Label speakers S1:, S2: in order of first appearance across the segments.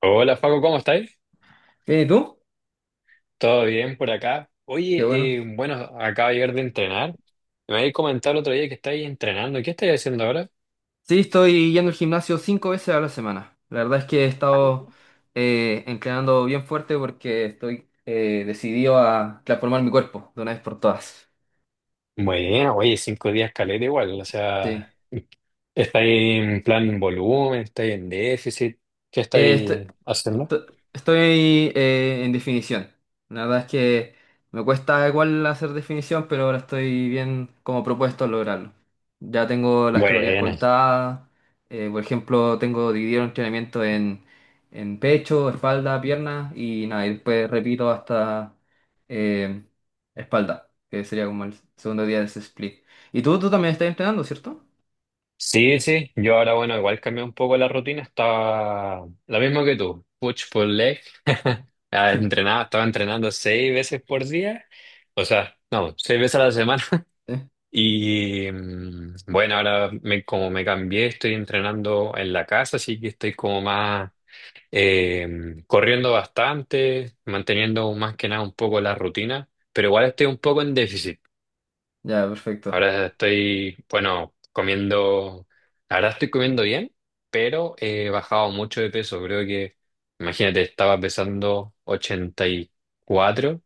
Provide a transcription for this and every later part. S1: Hola Facu, ¿cómo estáis?
S2: Bien, ¿y tú?
S1: ¿Todo bien por acá?
S2: Qué bueno.
S1: Oye, bueno, acabo de llegar de entrenar. Me habéis comentado el otro día que estáis entrenando. ¿Qué estáis haciendo ahora?
S2: Sí, estoy yendo al gimnasio 5 veces a la semana. La verdad es que he estado entrenando bien fuerte porque estoy decidido a transformar mi cuerpo de una vez por todas.
S1: Bueno, oye, 5 días caleta igual. O
S2: Sí.
S1: sea, ¿estáis en plan en volumen? ¿Estáis en déficit? ¿Qué
S2: Eh, est-
S1: estáis haciendo?
S2: T- Estoy en definición. La verdad es que me cuesta igual hacer definición, pero ahora estoy bien como propuesto a lograrlo. Ya tengo las calorías
S1: Bueno,
S2: contadas. Por ejemplo, tengo dividido el entrenamiento en pecho, espalda, pierna y nada, y después repito hasta eh, espalda, que sería como el segundo día de ese split. Y tú también estás entrenando, ¿cierto?
S1: sí, sí. Yo ahora, bueno, igual cambié un poco la rutina. Estaba la misma que tú. Push pull leg. Ah, estaba entrenando 6 veces por día. O sea, no, 6 veces a la semana.
S2: Sí.
S1: Y bueno, como me cambié, estoy entrenando en la casa, así que estoy como más corriendo bastante, manteniendo más que nada un poco la rutina, pero igual estoy un poco en déficit.
S2: Ya, perfecto.
S1: Bueno, ahora estoy comiendo bien, pero he bajado mucho de peso. Creo que, imagínate, estaba pesando 84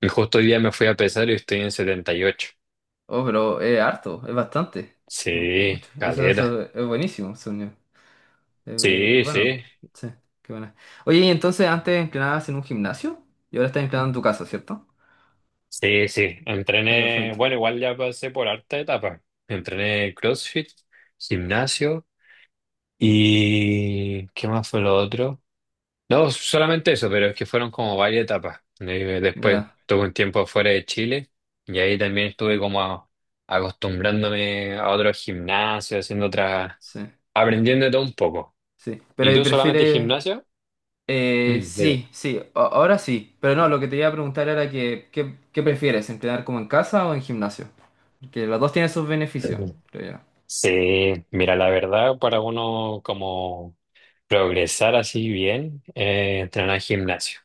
S1: y justo hoy día me fui a pesar y estoy en 78.
S2: Oh, pero es harto, es bastante. Mm, es
S1: Sí,
S2: mucho. Eso,
S1: caleta.
S2: eso es buenísimo, según yo. Eh,
S1: Sí,
S2: bueno,
S1: sí,
S2: sí, qué buena. Oye, y entonces antes entrenabas en un gimnasio y ahora estás entrenando en tu casa, ¿cierto?
S1: sí, sí.
S2: Ah, ya,
S1: Entrené,
S2: perfecto.
S1: bueno, igual ya pasé por harta etapa. Entrené CrossFit, gimnasio y ¿qué más fue lo otro? No, solamente eso, pero es que fueron como varias etapas. Después
S2: Ya,
S1: tuve un tiempo fuera de Chile y ahí también estuve como acostumbrándome a otros gimnasios, haciendo otras,
S2: sí,
S1: aprendiendo de todo un poco.
S2: sí.
S1: ¿Y
S2: Pero ¿y
S1: tú solamente
S2: prefieres?
S1: gimnasio? Mm, digo.
S2: Sí, sí, ahora sí. Pero no, lo que te iba a preguntar era que, ¿qué prefieres? ¿Entrenar como en casa o en gimnasio? Que los dos tienen sus beneficios, creo yo.
S1: Sí, mira, la verdad, para uno como progresar así bien, entrenar gimnasio.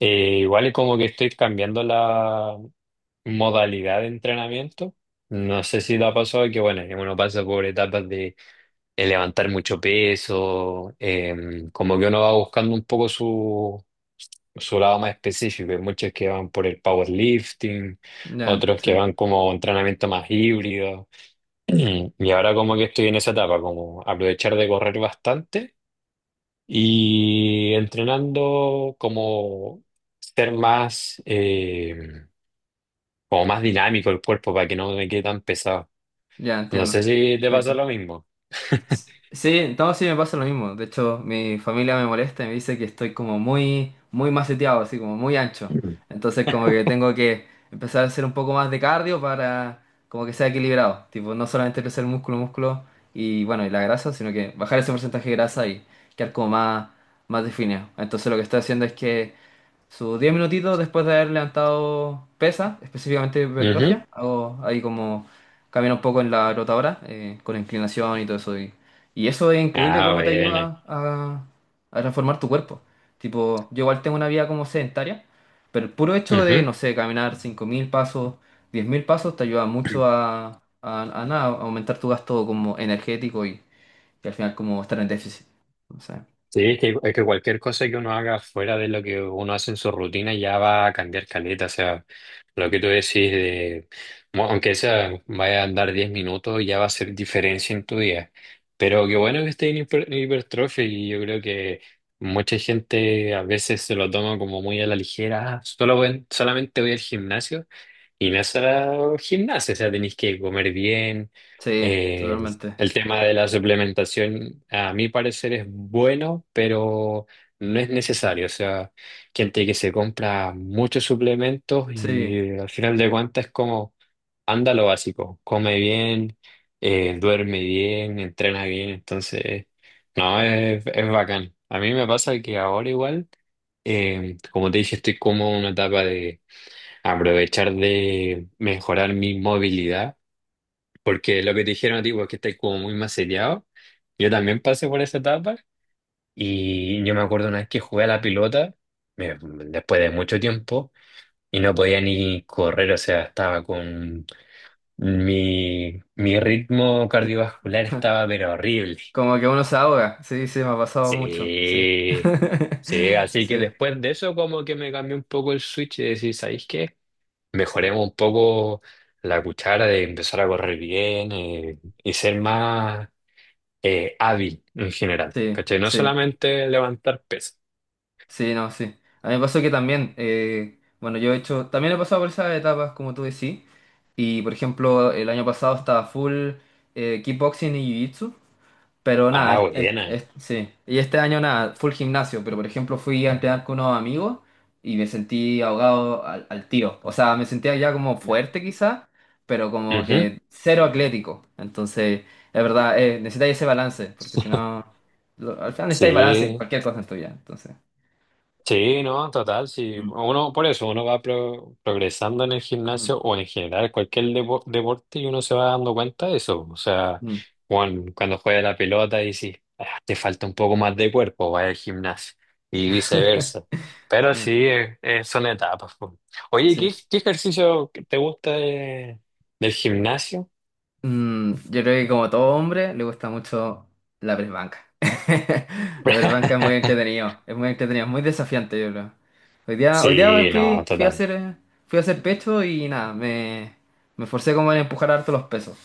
S1: Igual es como que estoy cambiando la modalidad de entrenamiento. No sé si te ha pasado que, bueno, que uno pasa por etapas de, levantar mucho peso, como que uno va buscando un poco su lado más específico. Hay muchos que van por el powerlifting,
S2: Ya,
S1: otros
S2: sí,
S1: que van como entrenamiento más híbrido. Y ahora como que estoy en esa etapa, como aprovechar de correr bastante y entrenando como ser más, como más dinámico el cuerpo para que no me quede tan pesado.
S2: ya
S1: No sé
S2: entiendo.
S1: si te pasa lo
S2: Perfecto.
S1: mismo.
S2: Sí, no, sí me pasa lo mismo. De hecho, mi familia me molesta y me dice que estoy como muy, muy maceteado, así como muy ancho. Entonces, como que tengo que empezar a hacer un poco más de cardio para como que sea equilibrado. Tipo, no solamente crecer músculo, músculo y bueno, y la grasa, sino que bajar ese porcentaje de grasa y quedar como más, más definido. Entonces, lo que estoy haciendo es que sus 10 minutitos después de haber levantado pesa, específicamente
S1: Ujú.
S2: hipertrofia, hago ahí como camino un poco en la rotadora, con inclinación y todo eso. Y eso es increíble
S1: Ah,
S2: cómo te
S1: bueno.
S2: ayuda a, transformar tu cuerpo. Tipo, yo igual tengo una vida como sedentaria, pero el puro hecho de,
S1: Ujú.
S2: no sé, caminar 5.000 pasos, 10.000 pasos, te ayuda mucho a nada, a aumentar tu gasto como energético y al final como estar en déficit. No sé.
S1: Sí, es que cualquier cosa que uno haga fuera de lo que uno hace en su rutina ya va a cambiar caleta. O sea, lo que tú decís de, aunque sea, vaya a andar 10 minutos, ya va a hacer diferencia en tu día. Pero qué bueno que esté en hipertrofia, y yo creo que mucha gente a veces se lo toma como muy a la ligera. "Ah, solamente voy al gimnasio". Y no es solo gimnasia, o sea, tenéis que comer bien,
S2: Sí,
S1: eh,
S2: totalmente.
S1: el tema de la suplementación, a mi parecer, es bueno, pero no es necesario. O sea, gente que se compra muchos suplementos
S2: Sí.
S1: y al final de cuentas es como, anda lo básico, come bien, duerme bien, entrena bien. Entonces, no, es bacán. A mí me pasa que ahora igual, como te dije, estoy como en una etapa de aprovechar de mejorar mi movilidad. Porque lo que te dijeron a ti, porque estás como muy maceteado, yo también pasé por esa etapa y yo me acuerdo una vez que jugué a la pelota, después de mucho tiempo, y no podía ni correr, o sea, estaba con mi ritmo cardiovascular estaba pero horrible.
S2: Como que uno se ahoga. Sí, sí, me ha pasado mucho. Sí.
S1: Sí, sí, así que
S2: Sí,
S1: después de eso como que me cambió un poco el switch y decir, ¿sabéis qué? Mejoremos un poco la cuchara de empezar a correr bien, y ser más... hábil en general,
S2: sí,
S1: ¿cachai? No
S2: sí,
S1: solamente levantar pesas.
S2: sí, no, sí. A mí me pasó que también, bueno, yo he hecho, también he pasado por esas etapas, como tú decís. Y por ejemplo, el año pasado estaba full kickboxing y jiu-jitsu. Pero
S1: Ah,
S2: nada,
S1: buena.
S2: sí. Y este año nada, full gimnasio, pero por ejemplo fui a entrenar con unos amigos y me sentí ahogado al tiro. O sea, me sentía ya como fuerte quizá, pero como
S1: Ujú.
S2: que cero atlético. Entonces, es verdad, necesitáis ese balance, porque si no, al final necesitáis balance en
S1: Sí,
S2: cualquier cosa en tu vida. Entonces,
S1: sí, no, total, sí.
S2: mm.
S1: Uno, por eso, uno va progresando en el
S2: Mm,
S1: gimnasio o en general cualquier deporte y uno se va dando cuenta de eso. O sea,
S2: mm.
S1: cuando juega la pelota y si te falta un poco más de cuerpo, va al gimnasio y viceversa. Pero
S2: Ah,
S1: sí, son etapas, po. Oye,
S2: sí.
S1: qué ejercicio que te gusta del gimnasio?
S2: Yo creo que como todo hombre le gusta mucho la perbanca. La perbanca es muy entretenido, es muy entretenido, es muy desafiante, yo creo. Hoy día
S1: Sí, no, total.
S2: fui a hacer pecho y nada, me forcé como en empujar harto los pesos.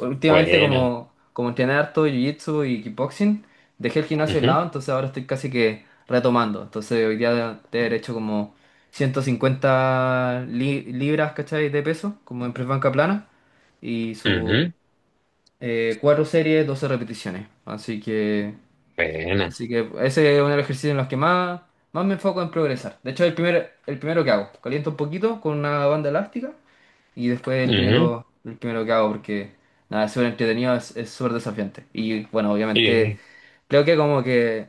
S2: Últimamente
S1: Bueno.
S2: como entrené harto jiu-jitsu y kickboxing, dejé el gimnasio de
S1: Ujú,
S2: lado, entonces ahora estoy casi que retomando. Entonces hoy día de haber hecho como 150 libras, ¿cachai? De peso, como en press banca plana y sus
S1: ujú.
S2: 4 series, 12 repeticiones. Así que,
S1: Buena.
S2: así que ese es uno de los ejercicios en los que más, más me enfoco en progresar. De hecho, el primero que hago, caliento un poquito con una banda elástica y después el
S1: Ujú.
S2: primero, el primero que hago porque nada, es súper entretenido, es súper desafiante. Y bueno, obviamente
S1: Y-
S2: creo que como que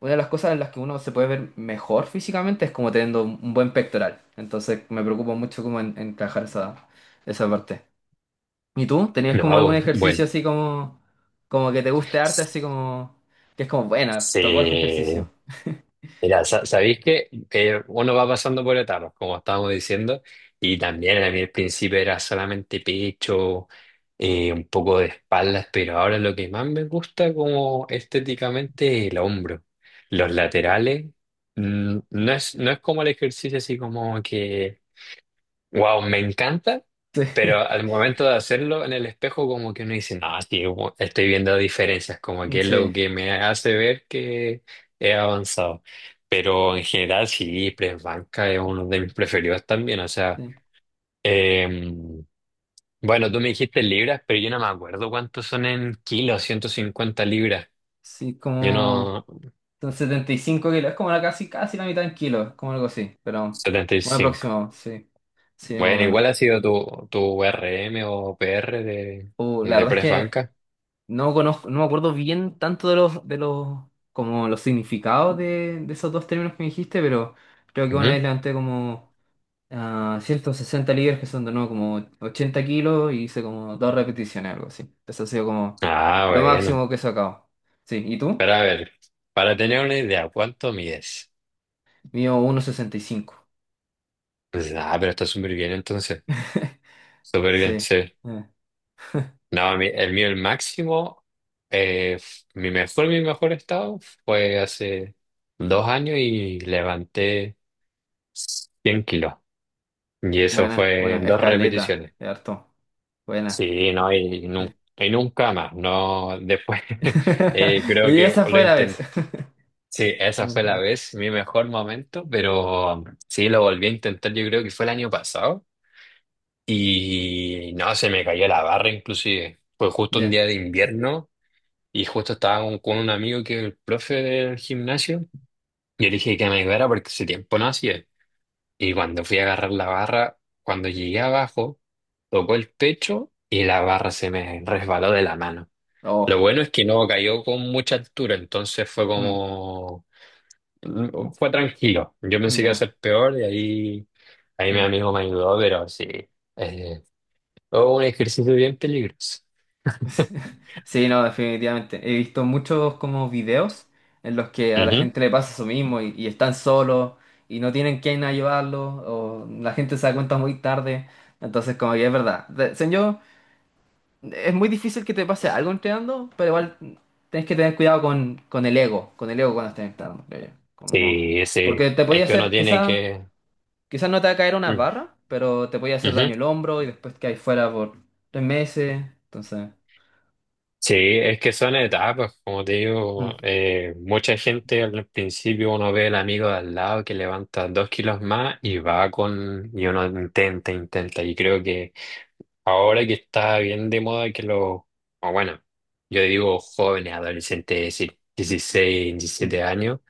S2: una de las cosas en las que uno se puede ver mejor físicamente es como teniendo un buen pectoral. Entonces me preocupo mucho como en, trabajar esa parte. ¿Y tú? ¿Tenías como algún
S1: no, bueno.
S2: ejercicio así como que te guste arte, así como, que es como, bueno, tocó este ejercicio?
S1: Sí. Mira, sabéis que, uno va pasando por etapas, como estábamos diciendo, y también a mí al principio era solamente pecho, un poco de espaldas, pero ahora lo que más me gusta como estéticamente es el hombro. Los laterales, mm, no es como el ejercicio así como que wow, me encanta, pero al momento de hacerlo en el espejo como que uno dice, no, sí, estoy viendo diferencias, como
S2: Sí,
S1: que es lo
S2: sí,
S1: que me hace ver que he avanzado. Pero en general sí, Press Banca es uno de mis preferidos también, o sea,
S2: sí,
S1: em, bueno, tú me dijiste en libras, pero yo no me acuerdo cuántos son en kilos, 150 libras,
S2: sí,
S1: yo
S2: como
S1: no,
S2: son 75 kilos, es como la casi, casi la mitad en kilos, como algo así, pero
S1: setenta y
S2: muy
S1: cinco.
S2: aproximado, sí, sí, más o
S1: Bueno,
S2: menos.
S1: igual ha sido tu R M o P R
S2: La
S1: de
S2: verdad es
S1: Press
S2: que
S1: Banca.
S2: no conozco, no me acuerdo bien tanto de los, como los significados de esos dos términos que me dijiste, pero creo que una
S1: Ujú.
S2: vez levanté como 160 libras que son de nuevo como 80 kilos y hice como 2 repeticiones, algo así. Eso ha sido como
S1: Ah,
S2: lo
S1: bueno.
S2: máximo que he sacado. Sí, ¿y tú?
S1: Pero a ver, para tener una idea, ¿cuánto mides?
S2: Mío 1,65.
S1: Pues, ah, pero está súper bien entonces. Súper bien,
S2: Sí.
S1: sí.
S2: Eh,
S1: No, el mío, el máximo, mi mi mejor estado fue hace 2 años y levanté 100 kilos. Y eso
S2: Buena,
S1: fue
S2: buena.
S1: en dos
S2: Escaleta,
S1: repeticiones.
S2: de harto. Buena.
S1: Sí, no,
S2: Sí.
S1: y nunca más. No, después creo
S2: Y
S1: que
S2: esa
S1: lo
S2: fue la vez.
S1: intenté. Sí, esa fue la
S2: Ujú.
S1: vez, mi mejor momento, pero sí, lo volví a intentar, yo creo que fue el año pasado. Y no, se me cayó la barra inclusive. Fue justo un
S2: Ya.
S1: día de invierno y justo estaba con un amigo que es el profe del gimnasio. Yo le dije que me ayudara porque ese tiempo no hacía. Y cuando fui a agarrar la barra, cuando llegué abajo, tocó el pecho y la barra se me resbaló de la mano.
S2: Oh.
S1: Lo bueno es que no cayó con mucha altura, entonces fue
S2: mm,
S1: como... mm, fue tranquilo. Yo pensé que iba a
S2: Ya,
S1: ser peor y ahí, ahí mi
S2: ya.
S1: amigo me ayudó, pero sí. eh, o un ejercicio bien peligroso.
S2: Sí, no, definitivamente. He visto muchos como videos en los que a la
S1: Ujú.
S2: gente le pasa eso mismo y están solos y no tienen quien ayudarlos o la gente se da cuenta muy tarde. Entonces, como que es verdad. Según es muy difícil que te pase algo entrenando, pero igual tienes que tener cuidado con el ego, con el ego cuando estés entrenando, creo yo. Como,
S1: Sí, sí,
S2: porque te
S1: es
S2: podía
S1: que uno
S2: hacer,
S1: tiene
S2: quizás
S1: que...
S2: quizás no te va a caer una
S1: Mm.
S2: barra, pero te podía hacer
S1: Ujú.
S2: daño el hombro y después que hay fuera por 3 meses. Entonces.
S1: Sí, es que son etapas, como te digo,
S2: Mm,
S1: mucha gente al principio uno ve el amigo de al lado que levanta 2 kilos más y va con... y uno intenta, intenta, y creo que ahora que está bien de moda que lo... o bueno, yo digo jóvenes, adolescentes, es decir, 16
S2: mm,
S1: 17 años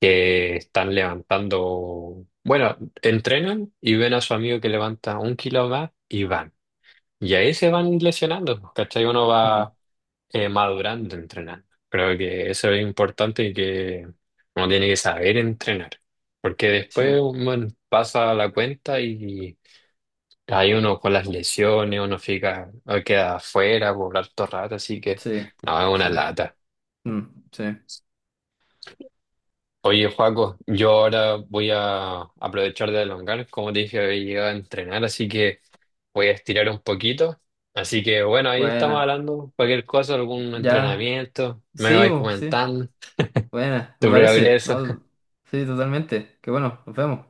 S1: que están levantando, bueno, entrenan y ven a su amigo que levanta un kilo más y van. Y ahí se van lesionando, pues, ¿cachai? Uno
S2: mm.
S1: va madurando entrenando. Creo que eso es importante y que uno tiene que saber entrenar, porque después
S2: Sí,
S1: uno pasa la cuenta y hay uno con las lesiones, uno fica, queda afuera por harto rato, así que
S2: sí,
S1: no, es
S2: sí.
S1: una lata.
S2: Mm, sí.
S1: Oye, Joaco, yo ahora voy a aprovechar de elongar. Como te dije, he llegado a entrenar, así que voy a estirar un poquito. Así que bueno, ahí estamos
S2: Buena.
S1: hablando. Cualquier cosa, algún
S2: Ya.
S1: entrenamiento, me
S2: Sí,
S1: vais
S2: bo, sí.
S1: comentando
S2: Buena, me
S1: tu
S2: parece,
S1: progreso.
S2: ¿no? Sí, totalmente. Qué bueno, nos vemos.